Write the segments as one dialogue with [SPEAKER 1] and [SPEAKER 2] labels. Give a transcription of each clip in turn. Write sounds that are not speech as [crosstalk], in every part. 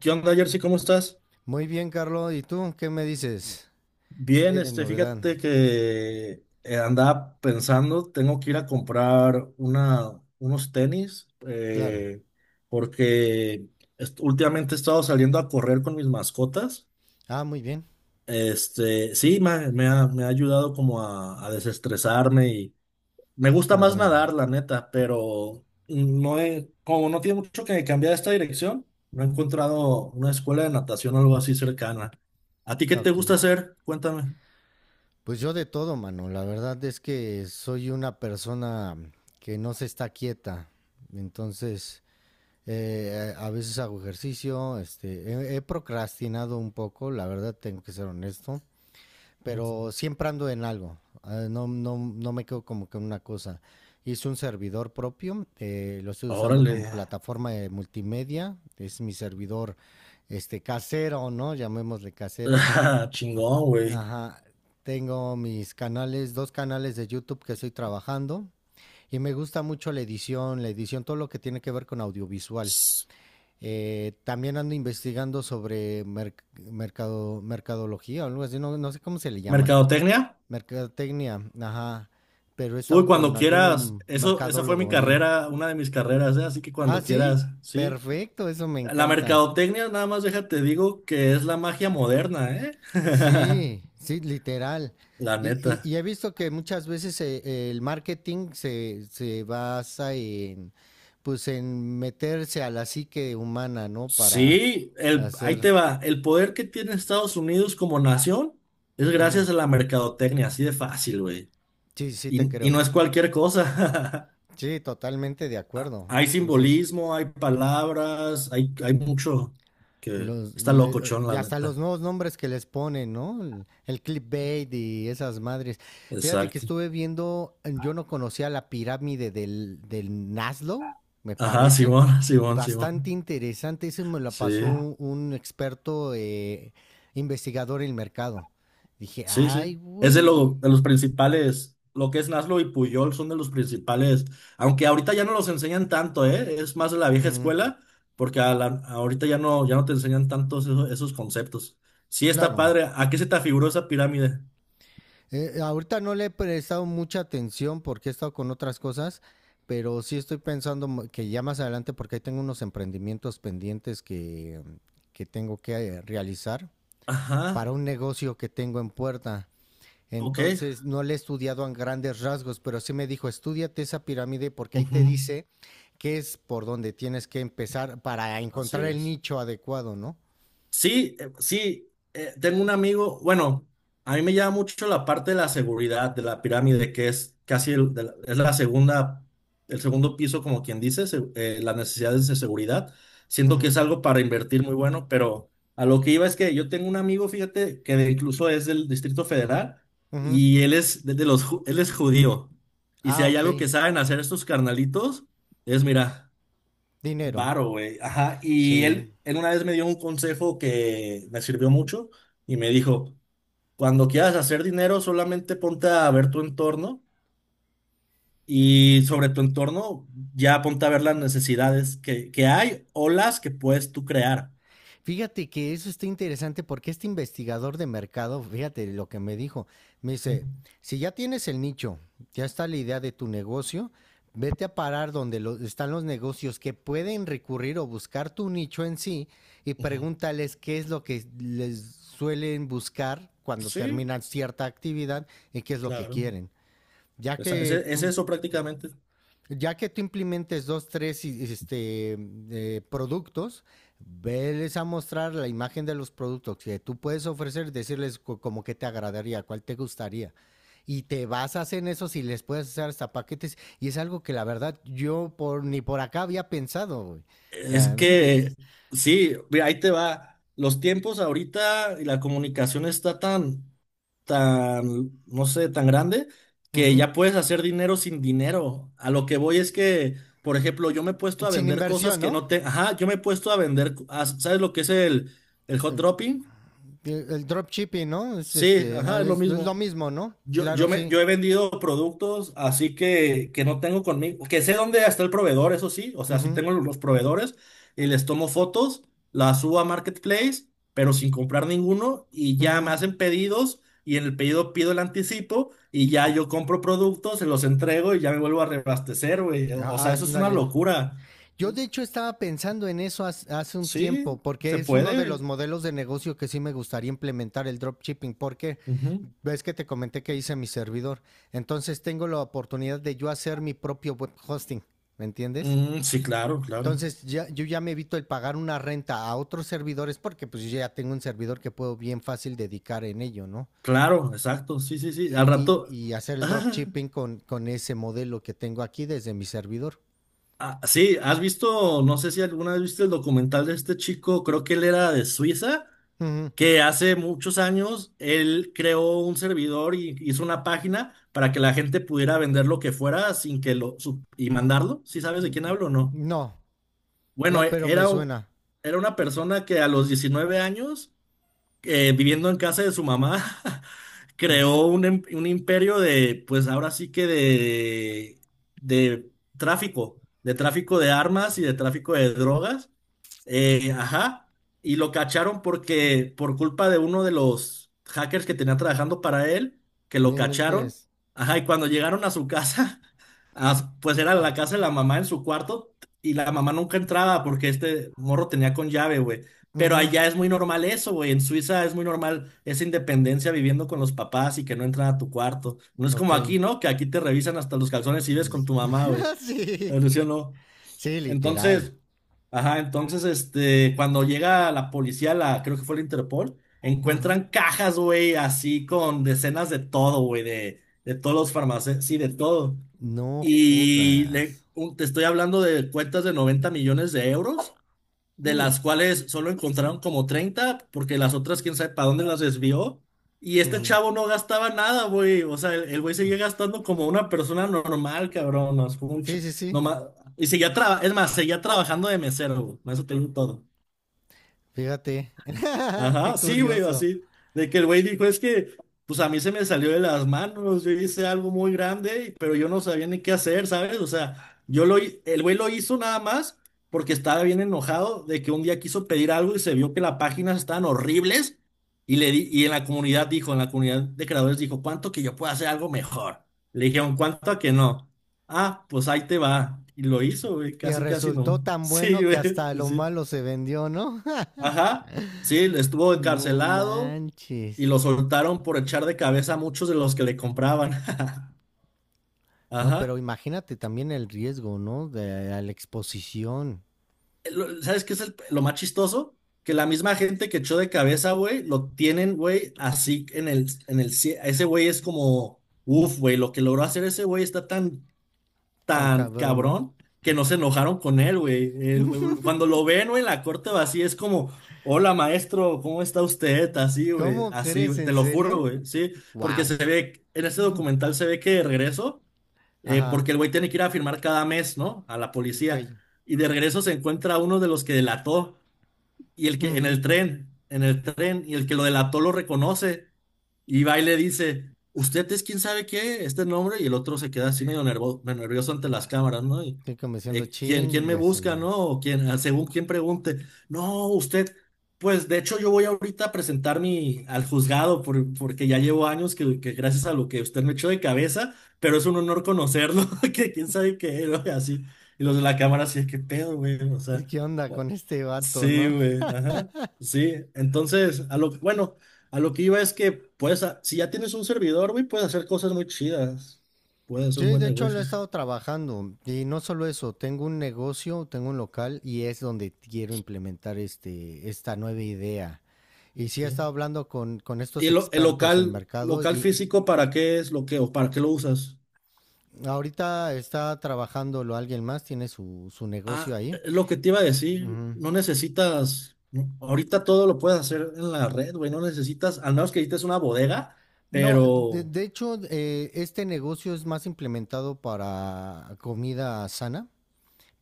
[SPEAKER 1] ¿Qué onda, Jersey? ¿Cómo estás?
[SPEAKER 2] Muy bien, Carlos. ¿Y tú qué me dices? ¿Qué
[SPEAKER 1] Bien,
[SPEAKER 2] hay de
[SPEAKER 1] este,
[SPEAKER 2] novedad?
[SPEAKER 1] fíjate que andaba pensando, tengo que ir a comprar unos tenis,
[SPEAKER 2] Claro.
[SPEAKER 1] porque últimamente he estado saliendo a correr con mis mascotas.
[SPEAKER 2] Ah, muy bien.
[SPEAKER 1] Este, sí, me ha ayudado como a desestresarme. Me gusta más
[SPEAKER 2] Comprando.
[SPEAKER 1] nadar, la neta, pero como no tiene mucho que cambiar esta dirección, no he encontrado una escuela de natación o algo así cercana. ¿A ti qué
[SPEAKER 2] Ah,
[SPEAKER 1] te
[SPEAKER 2] ok.
[SPEAKER 1] gusta hacer? Cuéntame.
[SPEAKER 2] Pues yo de todo, mano. La verdad es que soy una persona que no se está quieta. Entonces, a veces hago ejercicio. He procrastinado un poco, la verdad tengo que ser honesto,
[SPEAKER 1] Mm.
[SPEAKER 2] pero siempre ando en algo. No, no, no me quedo como que en una cosa. Hice un servidor propio, lo estoy usando
[SPEAKER 1] Órale.
[SPEAKER 2] como plataforma de multimedia. Es mi servidor este casero, ¿no? Llamémosle casero.
[SPEAKER 1] [laughs] Chingón, güey.
[SPEAKER 2] Ajá. Tengo mis canales, dos canales de YouTube que estoy trabajando. Y me gusta mucho la edición, todo lo que tiene que ver con audiovisual.
[SPEAKER 1] Ps,
[SPEAKER 2] También ando investigando sobre mercado, mercadología o algo así, no, no sé cómo se le llama ahí.
[SPEAKER 1] ¿Mercadotecnia?
[SPEAKER 2] Mercadotecnia, ajá. Pero he
[SPEAKER 1] Uy,
[SPEAKER 2] estado con
[SPEAKER 1] cuando quieras.
[SPEAKER 2] algún
[SPEAKER 1] Esa fue mi
[SPEAKER 2] mercadólogo ahí.
[SPEAKER 1] carrera, una de mis carreras, ¿eh? Así que
[SPEAKER 2] Ah,
[SPEAKER 1] cuando
[SPEAKER 2] sí,
[SPEAKER 1] quieras, ¿sí?
[SPEAKER 2] perfecto, eso me
[SPEAKER 1] La
[SPEAKER 2] encanta.
[SPEAKER 1] mercadotecnia, nada más déjate digo que es la magia moderna, ¿eh? [laughs]
[SPEAKER 2] Sí, sí, literal.
[SPEAKER 1] La
[SPEAKER 2] Y, y-
[SPEAKER 1] neta.
[SPEAKER 2] y he visto que muchas veces el marketing se basa en, pues, en meterse a la psique humana, ¿no? Para
[SPEAKER 1] Sí, ahí
[SPEAKER 2] hacer...
[SPEAKER 1] te va. El poder que tiene Estados Unidos como nación es
[SPEAKER 2] Ujú.
[SPEAKER 1] gracias a la mercadotecnia, así de fácil, güey.
[SPEAKER 2] Sí, sí, te
[SPEAKER 1] Y no
[SPEAKER 2] creo.
[SPEAKER 1] es cualquier cosa. [laughs]
[SPEAKER 2] Sí, totalmente de
[SPEAKER 1] Ah,
[SPEAKER 2] acuerdo.
[SPEAKER 1] hay
[SPEAKER 2] Entonces,
[SPEAKER 1] simbolismo, hay palabras, hay mucho que
[SPEAKER 2] Los,
[SPEAKER 1] está
[SPEAKER 2] le-
[SPEAKER 1] locochón,
[SPEAKER 2] y
[SPEAKER 1] la
[SPEAKER 2] hasta los
[SPEAKER 1] neta.
[SPEAKER 2] nuevos nombres que les ponen, ¿no? El clickbait y esas madres. Fíjate que
[SPEAKER 1] Exacto.
[SPEAKER 2] estuve viendo, yo no conocía la pirámide del Naslo, me
[SPEAKER 1] Ajá,
[SPEAKER 2] parece.
[SPEAKER 1] Simón, [laughs] Simón,
[SPEAKER 2] Bastante
[SPEAKER 1] Simón.
[SPEAKER 2] interesante. Ese me lo pasó
[SPEAKER 1] Sí.
[SPEAKER 2] un experto investigador en el mercado. Dije,
[SPEAKER 1] Sí,
[SPEAKER 2] ay,
[SPEAKER 1] sí. Es
[SPEAKER 2] güey.
[SPEAKER 1] de los principales, lo que es Naslo y Puyol son de los principales, aunque ahorita ya no los enseñan tanto, ¿eh? Es más de la vieja
[SPEAKER 2] Ujú,
[SPEAKER 1] escuela, porque ahorita ya no te enseñan esos conceptos. Sí, está
[SPEAKER 2] claro.
[SPEAKER 1] padre. ¿A qué se te afiguró esa pirámide?
[SPEAKER 2] Ahorita no le he prestado mucha atención porque he estado con otras cosas, pero sí estoy pensando que ya más adelante, porque ahí tengo unos emprendimientos pendientes que tengo que realizar para
[SPEAKER 1] Ajá,
[SPEAKER 2] un negocio que tengo en puerta.
[SPEAKER 1] ok.
[SPEAKER 2] Entonces no le he estudiado a grandes rasgos, pero sí me dijo, estúdiate esa pirámide porque ahí
[SPEAKER 1] Ujú,
[SPEAKER 2] te dice que es por donde tienes que empezar para
[SPEAKER 1] así
[SPEAKER 2] encontrar el
[SPEAKER 1] es.
[SPEAKER 2] nicho adecuado, ¿no?
[SPEAKER 1] Sí, sí, tengo un amigo, bueno, a mí me llama mucho la parte de la seguridad de la pirámide, que es casi es la segunda, el segundo piso, como quien dice, las necesidades de seguridad. Siento que
[SPEAKER 2] Ujú,
[SPEAKER 1] es algo para invertir muy bueno, pero a lo que iba es que yo tengo un amigo, fíjate, que incluso es del Distrito Federal
[SPEAKER 2] ujú.
[SPEAKER 1] y él es de los, ju- él es judío. Y si
[SPEAKER 2] Ah,
[SPEAKER 1] hay
[SPEAKER 2] ok.
[SPEAKER 1] algo que saben hacer estos carnalitos, es, mira.
[SPEAKER 2] Dinero.
[SPEAKER 1] Varo, güey. Ajá. Y
[SPEAKER 2] Sí.
[SPEAKER 1] él una vez me dio un consejo que me sirvió mucho y me dijo, cuando quieras hacer dinero, solamente ponte a ver tu entorno y sobre tu entorno ya ponte a ver las necesidades que hay o las que puedes tú crear.
[SPEAKER 2] Fíjate que eso está interesante porque este investigador de mercado, fíjate lo que me dijo, me
[SPEAKER 1] Ujú.
[SPEAKER 2] dice, si ya tienes el nicho, ya está la idea de tu negocio, vete a parar donde están los negocios que pueden recurrir o buscar tu nicho en sí y
[SPEAKER 1] Ujú.
[SPEAKER 2] pregúntales qué es lo que les suelen buscar cuando
[SPEAKER 1] Sí,
[SPEAKER 2] terminan cierta actividad y qué es lo que
[SPEAKER 1] claro.
[SPEAKER 2] quieren. Ya que
[SPEAKER 1] Es
[SPEAKER 2] tú
[SPEAKER 1] eso prácticamente.
[SPEAKER 2] ya que tú implementes dos, tres y- este, productos, veles a mostrar la imagen de los productos que tú puedes ofrecer, decirles como que te agradaría, cuál te gustaría. Y te basas en eso si les puedes hacer hasta paquetes. Y es algo que la verdad yo por, ni por acá había pensado, güey. O
[SPEAKER 1] Es
[SPEAKER 2] sea, ¿me
[SPEAKER 1] que
[SPEAKER 2] entiendes?
[SPEAKER 1] sí, mira, ahí te va. Los tiempos ahorita y la comunicación está tan, tan, no sé, tan grande que
[SPEAKER 2] Ujú.
[SPEAKER 1] ya puedes hacer dinero sin dinero. A lo que voy es que, por ejemplo, yo me he puesto a
[SPEAKER 2] Sin
[SPEAKER 1] vender cosas
[SPEAKER 2] inversión,
[SPEAKER 1] que
[SPEAKER 2] ¿no?
[SPEAKER 1] no te, ajá, yo me he puesto a vender, ¿sabes lo que es el hot dropping?
[SPEAKER 2] El dropshipping, ¿no? Es,
[SPEAKER 1] Sí,
[SPEAKER 2] este, ah,
[SPEAKER 1] ajá, es lo
[SPEAKER 2] es- Es lo
[SPEAKER 1] mismo.
[SPEAKER 2] mismo, ¿no? Claro, sí.
[SPEAKER 1] Yo he vendido productos así que, no tengo conmigo, que sé dónde está el proveedor, eso sí, o sea, sí
[SPEAKER 2] Ujú,
[SPEAKER 1] tengo los proveedores y les tomo fotos, las subo a Marketplace, pero sin comprar ninguno y ya me
[SPEAKER 2] ujú.
[SPEAKER 1] hacen pedidos y en el pedido pido el anticipo y ya yo compro productos, se los entrego y ya me vuelvo a reabastecer, güey. O
[SPEAKER 2] Ah,
[SPEAKER 1] o
[SPEAKER 2] ah,
[SPEAKER 1] sea, eso es una
[SPEAKER 2] ándale.
[SPEAKER 1] locura.
[SPEAKER 2] Yo de hecho estaba pensando en eso hace un tiempo,
[SPEAKER 1] Sí,
[SPEAKER 2] porque
[SPEAKER 1] se
[SPEAKER 2] es uno de los
[SPEAKER 1] puede.
[SPEAKER 2] modelos de negocio que sí me gustaría implementar el dropshipping, porque
[SPEAKER 1] Ujú.
[SPEAKER 2] ves que te comenté que hice mi servidor. Entonces tengo la oportunidad de yo hacer mi propio web hosting, ¿me entiendes?
[SPEAKER 1] Mm, sí, claro, claro.
[SPEAKER 2] Entonces ya, yo ya me evito el pagar una renta a otros servidores porque pues yo ya tengo un servidor que puedo bien fácil dedicar en ello, ¿no?
[SPEAKER 1] Claro, exacto, sí, sí, sí.
[SPEAKER 2] Y,
[SPEAKER 1] Al
[SPEAKER 2] y-
[SPEAKER 1] rato.
[SPEAKER 2] y hacer el
[SPEAKER 1] [laughs]
[SPEAKER 2] dropshipping con ese modelo que tengo aquí desde mi servidor.
[SPEAKER 1] Ah, sí, has visto, no sé si alguna vez viste el documental de este chico, creo que él era de Suiza,
[SPEAKER 2] Ujú.
[SPEAKER 1] que hace muchos años él creó un servidor y hizo una página para que la gente pudiera vender lo que fuera sin que lo su- y mandarlo. ¿Sí sabes de quién hablo o no?
[SPEAKER 2] No,
[SPEAKER 1] Bueno,
[SPEAKER 2] no, pero me suena.
[SPEAKER 1] era una persona que a los 19 años, viviendo en casa de su mamá, [laughs]
[SPEAKER 2] Ujú.
[SPEAKER 1] creó un imperio de, pues ahora sí que de de tráfico de armas y de tráfico de drogas. Ajá. Y lo cacharon porque, por culpa de uno de los hackers que tenía trabajando para él, que
[SPEAKER 2] No
[SPEAKER 1] lo cacharon.
[SPEAKER 2] inventes.
[SPEAKER 1] Ajá, y cuando llegaron a su [laughs] casa. Ah, pues era la casa de la mamá en su cuarto y la mamá nunca entraba porque este morro tenía con llave, güey. Pero
[SPEAKER 2] Ujú.
[SPEAKER 1] allá es muy normal eso, güey. En Suiza es muy normal esa independencia viviendo con los papás y que no entran a tu cuarto. No es
[SPEAKER 2] Ok.
[SPEAKER 1] como aquí, ¿no? Que aquí te revisan hasta los calzones y ves con
[SPEAKER 2] Pues,
[SPEAKER 1] tu mamá, güey.
[SPEAKER 2] [laughs] sí.
[SPEAKER 1] Pero sí o no.
[SPEAKER 2] Sí,
[SPEAKER 1] Entonces,
[SPEAKER 2] literal.
[SPEAKER 1] ajá, entonces, este, cuando llega la policía, la, creo que fue la Interpol,
[SPEAKER 2] Ujú.
[SPEAKER 1] encuentran cajas, güey, así con decenas de todo, güey, de todos los farmacéuticos, sí, de todo.
[SPEAKER 2] No jodas.
[SPEAKER 1] Te estoy hablando de cuentas de 90 millones de euros, de
[SPEAKER 2] Uy.
[SPEAKER 1] las cuales solo encontraron como 30, porque las otras quién sabe para dónde las desvió. Y este
[SPEAKER 2] Ujú,
[SPEAKER 1] chavo no gastaba nada, güey. O sea, el güey seguía gastando como una persona normal, cabrón. No, es como un
[SPEAKER 2] sí,
[SPEAKER 1] ch-
[SPEAKER 2] sí,
[SPEAKER 1] no
[SPEAKER 2] sí.
[SPEAKER 1] ma- y seguía es más, seguía trabajando de mesero, güey. Con eso te digo todo.
[SPEAKER 2] Fíjate. [laughs] Qué
[SPEAKER 1] Ajá, sí, güey,
[SPEAKER 2] curioso.
[SPEAKER 1] así. De que el güey dijo, es que, pues a mí se me salió de las manos, yo hice algo muy grande, pero yo no sabía ni qué hacer, ¿sabes? O sea, el güey lo hizo nada más porque estaba bien enojado de que un día quiso pedir algo y se vio que las páginas estaban horribles y y en la comunidad de creadores dijo, ¿cuánto que yo puedo hacer algo mejor? Le dijeron, ¿cuánto a que no? Ah, pues ahí te va. Y lo hizo, güey,
[SPEAKER 2] Y
[SPEAKER 1] casi, casi
[SPEAKER 2] resultó
[SPEAKER 1] no. [laughs]
[SPEAKER 2] tan
[SPEAKER 1] Sí,
[SPEAKER 2] bueno que
[SPEAKER 1] güey,
[SPEAKER 2] hasta lo
[SPEAKER 1] sí.
[SPEAKER 2] malo se vendió, ¿no? [laughs]
[SPEAKER 1] Ajá, sí, estuvo
[SPEAKER 2] No
[SPEAKER 1] encarcelado y
[SPEAKER 2] manches.
[SPEAKER 1] lo soltaron por echar de cabeza a muchos de los que le compraban. [laughs]
[SPEAKER 2] No, pero
[SPEAKER 1] Ajá.
[SPEAKER 2] imagínate también el riesgo, ¿no? De a la exposición.
[SPEAKER 1] ¿Sabes qué es lo más chistoso? Que la misma gente que echó de cabeza, güey, lo tienen, güey, así en el, ese güey es como, uf, güey, lo que logró hacer ese güey está tan
[SPEAKER 2] Tan
[SPEAKER 1] tan
[SPEAKER 2] cabrón, ¿no?
[SPEAKER 1] cabrón que no se enojaron con él, güey. Cuando lo ven, güey, en la corte vacía es como, hola maestro, ¿cómo está usted?
[SPEAKER 2] ¿Cómo
[SPEAKER 1] Así,
[SPEAKER 2] crees?
[SPEAKER 1] güey, te
[SPEAKER 2] ¿En
[SPEAKER 1] lo juro,
[SPEAKER 2] serio?
[SPEAKER 1] güey, sí, porque
[SPEAKER 2] Wow.
[SPEAKER 1] se ve, en este documental se ve que de regreso,
[SPEAKER 2] Ajá.
[SPEAKER 1] porque el güey tiene que ir a firmar cada mes, ¿no? A la
[SPEAKER 2] Ok.
[SPEAKER 1] policía, y de regreso se encuentra a uno de los que delató y el que
[SPEAKER 2] Ujú.
[SPEAKER 1] en el tren, y el que lo delató lo reconoce, y va y le dice, usted es quién sabe qué, este nombre, y el otro se queda así medio nervioso ante las cámaras, ¿no? Y,
[SPEAKER 2] Estoy comenzando
[SPEAKER 1] ¿quién me
[SPEAKER 2] chingas,
[SPEAKER 1] busca,
[SPEAKER 2] man.
[SPEAKER 1] no? O quién, ah, según quién pregunte, no, usted, pues de hecho yo voy ahorita a presentar mi, al juzgado, porque ya llevo años que gracias a lo que usted me echó de cabeza, pero es un honor conocerlo, [laughs] que quién sabe qué, ¿no? Y así, y los de la cámara así, qué pedo, güey, o sea.
[SPEAKER 2] ¿Qué onda con este vato,
[SPEAKER 1] Sí,
[SPEAKER 2] no?
[SPEAKER 1] güey, ajá, sí. Entonces, bueno, a lo que iba es que, si ya tienes un servidor, güey, puedes hacer cosas muy chidas. Pueden ser un
[SPEAKER 2] Sí,
[SPEAKER 1] buen
[SPEAKER 2] de hecho lo he
[SPEAKER 1] negocio.
[SPEAKER 2] estado trabajando y no solo eso, tengo un negocio, tengo un local y es donde quiero implementar esta nueva idea. Y sí
[SPEAKER 1] Ok.
[SPEAKER 2] he estado hablando con estos
[SPEAKER 1] ¿Y el
[SPEAKER 2] expertos en
[SPEAKER 1] local,
[SPEAKER 2] mercado
[SPEAKER 1] local
[SPEAKER 2] y
[SPEAKER 1] físico, para qué es lo que, o para qué lo usas?
[SPEAKER 2] ahorita está trabajándolo alguien más, tiene su negocio
[SPEAKER 1] Ah,
[SPEAKER 2] ahí.
[SPEAKER 1] es lo que te iba a decir,
[SPEAKER 2] Ujú.
[SPEAKER 1] no necesitas, ahorita todo lo puedes hacer en la red, güey, no necesitas, al menos que necesites una bodega,
[SPEAKER 2] No,
[SPEAKER 1] pero
[SPEAKER 2] de hecho este negocio es más implementado para comida sana,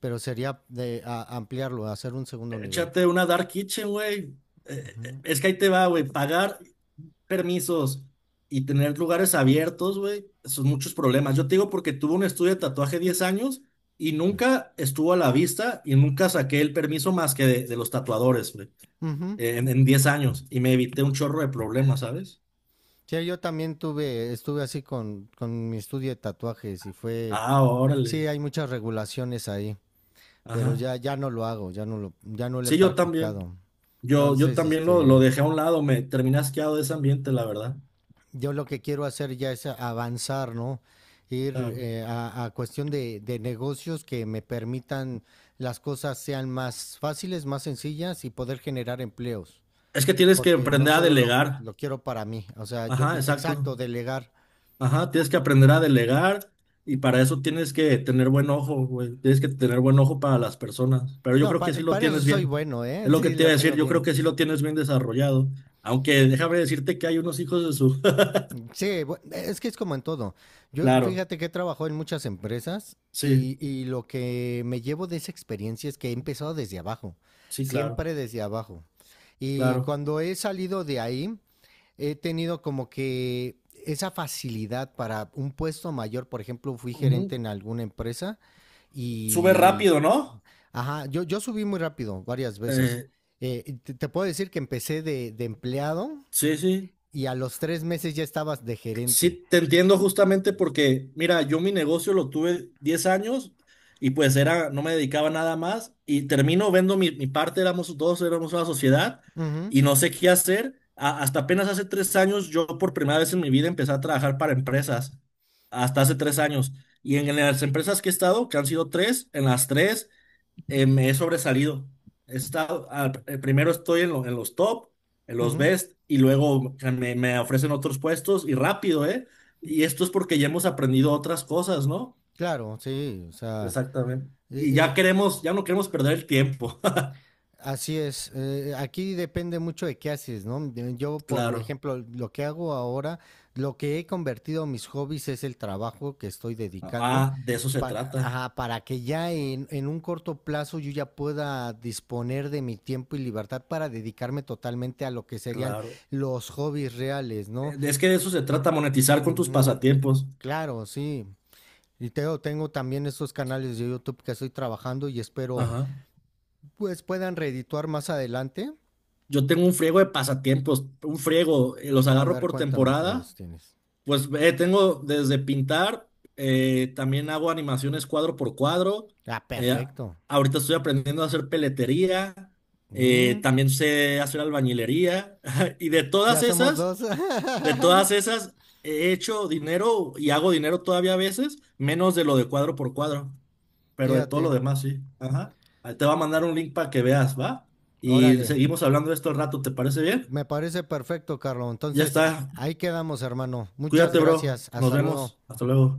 [SPEAKER 2] pero sería de ampliarlo, hacer un segundo nivel.
[SPEAKER 1] échate una dark kitchen, güey.
[SPEAKER 2] Ujú.
[SPEAKER 1] Es que ahí te va, güey, pagar permisos y tener lugares abiertos, güey, son muchos problemas. Yo te digo porque tuve un estudio de tatuaje 10 años y nunca estuvo a la vista y nunca saqué el permiso más que de los tatuadores, güey,
[SPEAKER 2] Ujú.
[SPEAKER 1] en 10 años y me evité un chorro de problemas, ¿sabes?
[SPEAKER 2] Sí, yo también tuve, estuve así con mi estudio de tatuajes y fue,
[SPEAKER 1] Ah,
[SPEAKER 2] sí,
[SPEAKER 1] órale.
[SPEAKER 2] hay muchas regulaciones ahí, pero
[SPEAKER 1] Ajá.
[SPEAKER 2] ya, ya no lo hago, ya no lo he
[SPEAKER 1] Sí, yo también.
[SPEAKER 2] practicado.
[SPEAKER 1] Yo
[SPEAKER 2] Entonces,
[SPEAKER 1] también lo
[SPEAKER 2] este,
[SPEAKER 1] dejé a un lado, me terminé asqueado de ese ambiente, la verdad.
[SPEAKER 2] yo lo que quiero hacer ya es avanzar, ¿no? Ir
[SPEAKER 1] Claro.
[SPEAKER 2] a cuestión de negocios que me permitan las cosas sean más fáciles, más sencillas y poder generar empleos,
[SPEAKER 1] Es que tienes que
[SPEAKER 2] porque no
[SPEAKER 1] aprender a
[SPEAKER 2] solo
[SPEAKER 1] delegar.
[SPEAKER 2] lo quiero para mí, o sea, yo,
[SPEAKER 1] Ajá, exacto.
[SPEAKER 2] exacto, delegar.
[SPEAKER 1] Ajá, tienes que aprender a delegar y para eso tienes que tener buen ojo, güey. Tienes que tener buen ojo para las personas. Pero yo
[SPEAKER 2] No,
[SPEAKER 1] creo que sí lo
[SPEAKER 2] eso
[SPEAKER 1] tienes
[SPEAKER 2] soy
[SPEAKER 1] bien.
[SPEAKER 2] bueno, ¿eh?
[SPEAKER 1] Es
[SPEAKER 2] [laughs]
[SPEAKER 1] lo que
[SPEAKER 2] Sí,
[SPEAKER 1] te iba a
[SPEAKER 2] lo
[SPEAKER 1] decir,
[SPEAKER 2] tengo
[SPEAKER 1] yo creo
[SPEAKER 2] bien.
[SPEAKER 1] que sí lo tienes bien desarrollado. Aunque déjame decirte que hay unos hijos de su... [laughs]
[SPEAKER 2] Sí, es que es como en todo. Yo,
[SPEAKER 1] Claro,
[SPEAKER 2] fíjate que he trabajado en muchas empresas
[SPEAKER 1] sí,
[SPEAKER 2] y lo que me llevo de esa experiencia es que he empezado desde abajo,
[SPEAKER 1] sí, claro,
[SPEAKER 2] siempre desde abajo. Y
[SPEAKER 1] claro.
[SPEAKER 2] cuando he salido de ahí, he tenido como que esa facilidad para un puesto mayor. Por ejemplo, fui gerente
[SPEAKER 1] Ujú.
[SPEAKER 2] en alguna empresa
[SPEAKER 1] Sube
[SPEAKER 2] y
[SPEAKER 1] rápido, ¿no?
[SPEAKER 2] ajá, yo subí muy rápido, varias veces.
[SPEAKER 1] Eh,
[SPEAKER 2] Te puedo decir que empecé de empleado
[SPEAKER 1] sí, sí.
[SPEAKER 2] y a los tres meses ya estabas de gerente.
[SPEAKER 1] Sí, te entiendo justamente porque, mira, yo mi negocio lo tuve 10 años y pues era, no me dedicaba a nada más y termino vendo mi parte, éramos dos, éramos una sociedad
[SPEAKER 2] Ujú,
[SPEAKER 1] y no sé qué hacer. Hasta apenas hace 3 años yo por primera vez en mi vida empecé a trabajar para empresas, hasta hace 3 años. Y en las empresas que he estado, que han sido tres, en las tres me he sobresalido. He estado, primero estoy en los top, en los
[SPEAKER 2] ujú.
[SPEAKER 1] best, y luego me ofrecen otros puestos y rápido, ¿eh? Y esto es porque ya hemos aprendido otras cosas, ¿no?
[SPEAKER 2] Claro, sí, o sea,
[SPEAKER 1] Exactamente.
[SPEAKER 2] eh,
[SPEAKER 1] Y
[SPEAKER 2] eh,
[SPEAKER 1] ya no queremos perder el tiempo. [laughs]
[SPEAKER 2] así es, aquí depende mucho de qué haces, ¿no? Yo, por
[SPEAKER 1] Claro.
[SPEAKER 2] ejemplo, lo que hago ahora, lo que he convertido mis hobbies es el trabajo que estoy dedicando
[SPEAKER 1] Ah, de eso se
[SPEAKER 2] para,
[SPEAKER 1] trata.
[SPEAKER 2] ajá, para que ya en un corto plazo yo ya pueda disponer de mi tiempo y libertad para dedicarme totalmente a lo que serían
[SPEAKER 1] Claro.
[SPEAKER 2] los hobbies reales, ¿no?
[SPEAKER 1] Es que de eso se trata, monetizar con tus
[SPEAKER 2] Ujú.
[SPEAKER 1] pasatiempos.
[SPEAKER 2] Claro, sí. Tengo también estos canales de YouTube que estoy trabajando y espero
[SPEAKER 1] Ajá.
[SPEAKER 2] pues puedan reedituar más adelante.
[SPEAKER 1] Yo tengo un friego de pasatiempos, un friego, los
[SPEAKER 2] A
[SPEAKER 1] agarro
[SPEAKER 2] ver,
[SPEAKER 1] por
[SPEAKER 2] cuéntame cuáles
[SPEAKER 1] temporada.
[SPEAKER 2] tienes.
[SPEAKER 1] Pues tengo desde pintar, también hago animaciones cuadro por cuadro.
[SPEAKER 2] Ah,
[SPEAKER 1] eh,
[SPEAKER 2] perfecto.
[SPEAKER 1] ahorita estoy aprendiendo a hacer peletería,
[SPEAKER 2] Mm,
[SPEAKER 1] también sé hacer albañilería. [laughs] Y de todas
[SPEAKER 2] ya somos
[SPEAKER 1] esas,
[SPEAKER 2] dos. [laughs]
[SPEAKER 1] de todas esas, he hecho dinero y hago dinero todavía a veces, menos de lo de cuadro por cuadro, pero de todo lo
[SPEAKER 2] Fíjate.
[SPEAKER 1] demás sí. Ajá. Ahí te va a mandar un link para que veas, ¿va? Y
[SPEAKER 2] Órale.
[SPEAKER 1] seguimos hablando de esto al rato, ¿te parece bien?
[SPEAKER 2] Me parece perfecto, Carlos.
[SPEAKER 1] Ya
[SPEAKER 2] Entonces,
[SPEAKER 1] está.
[SPEAKER 2] ahí quedamos, hermano. Muchas
[SPEAKER 1] Cuídate, bro.
[SPEAKER 2] gracias.
[SPEAKER 1] Nos
[SPEAKER 2] Hasta luego.
[SPEAKER 1] vemos. Hasta luego.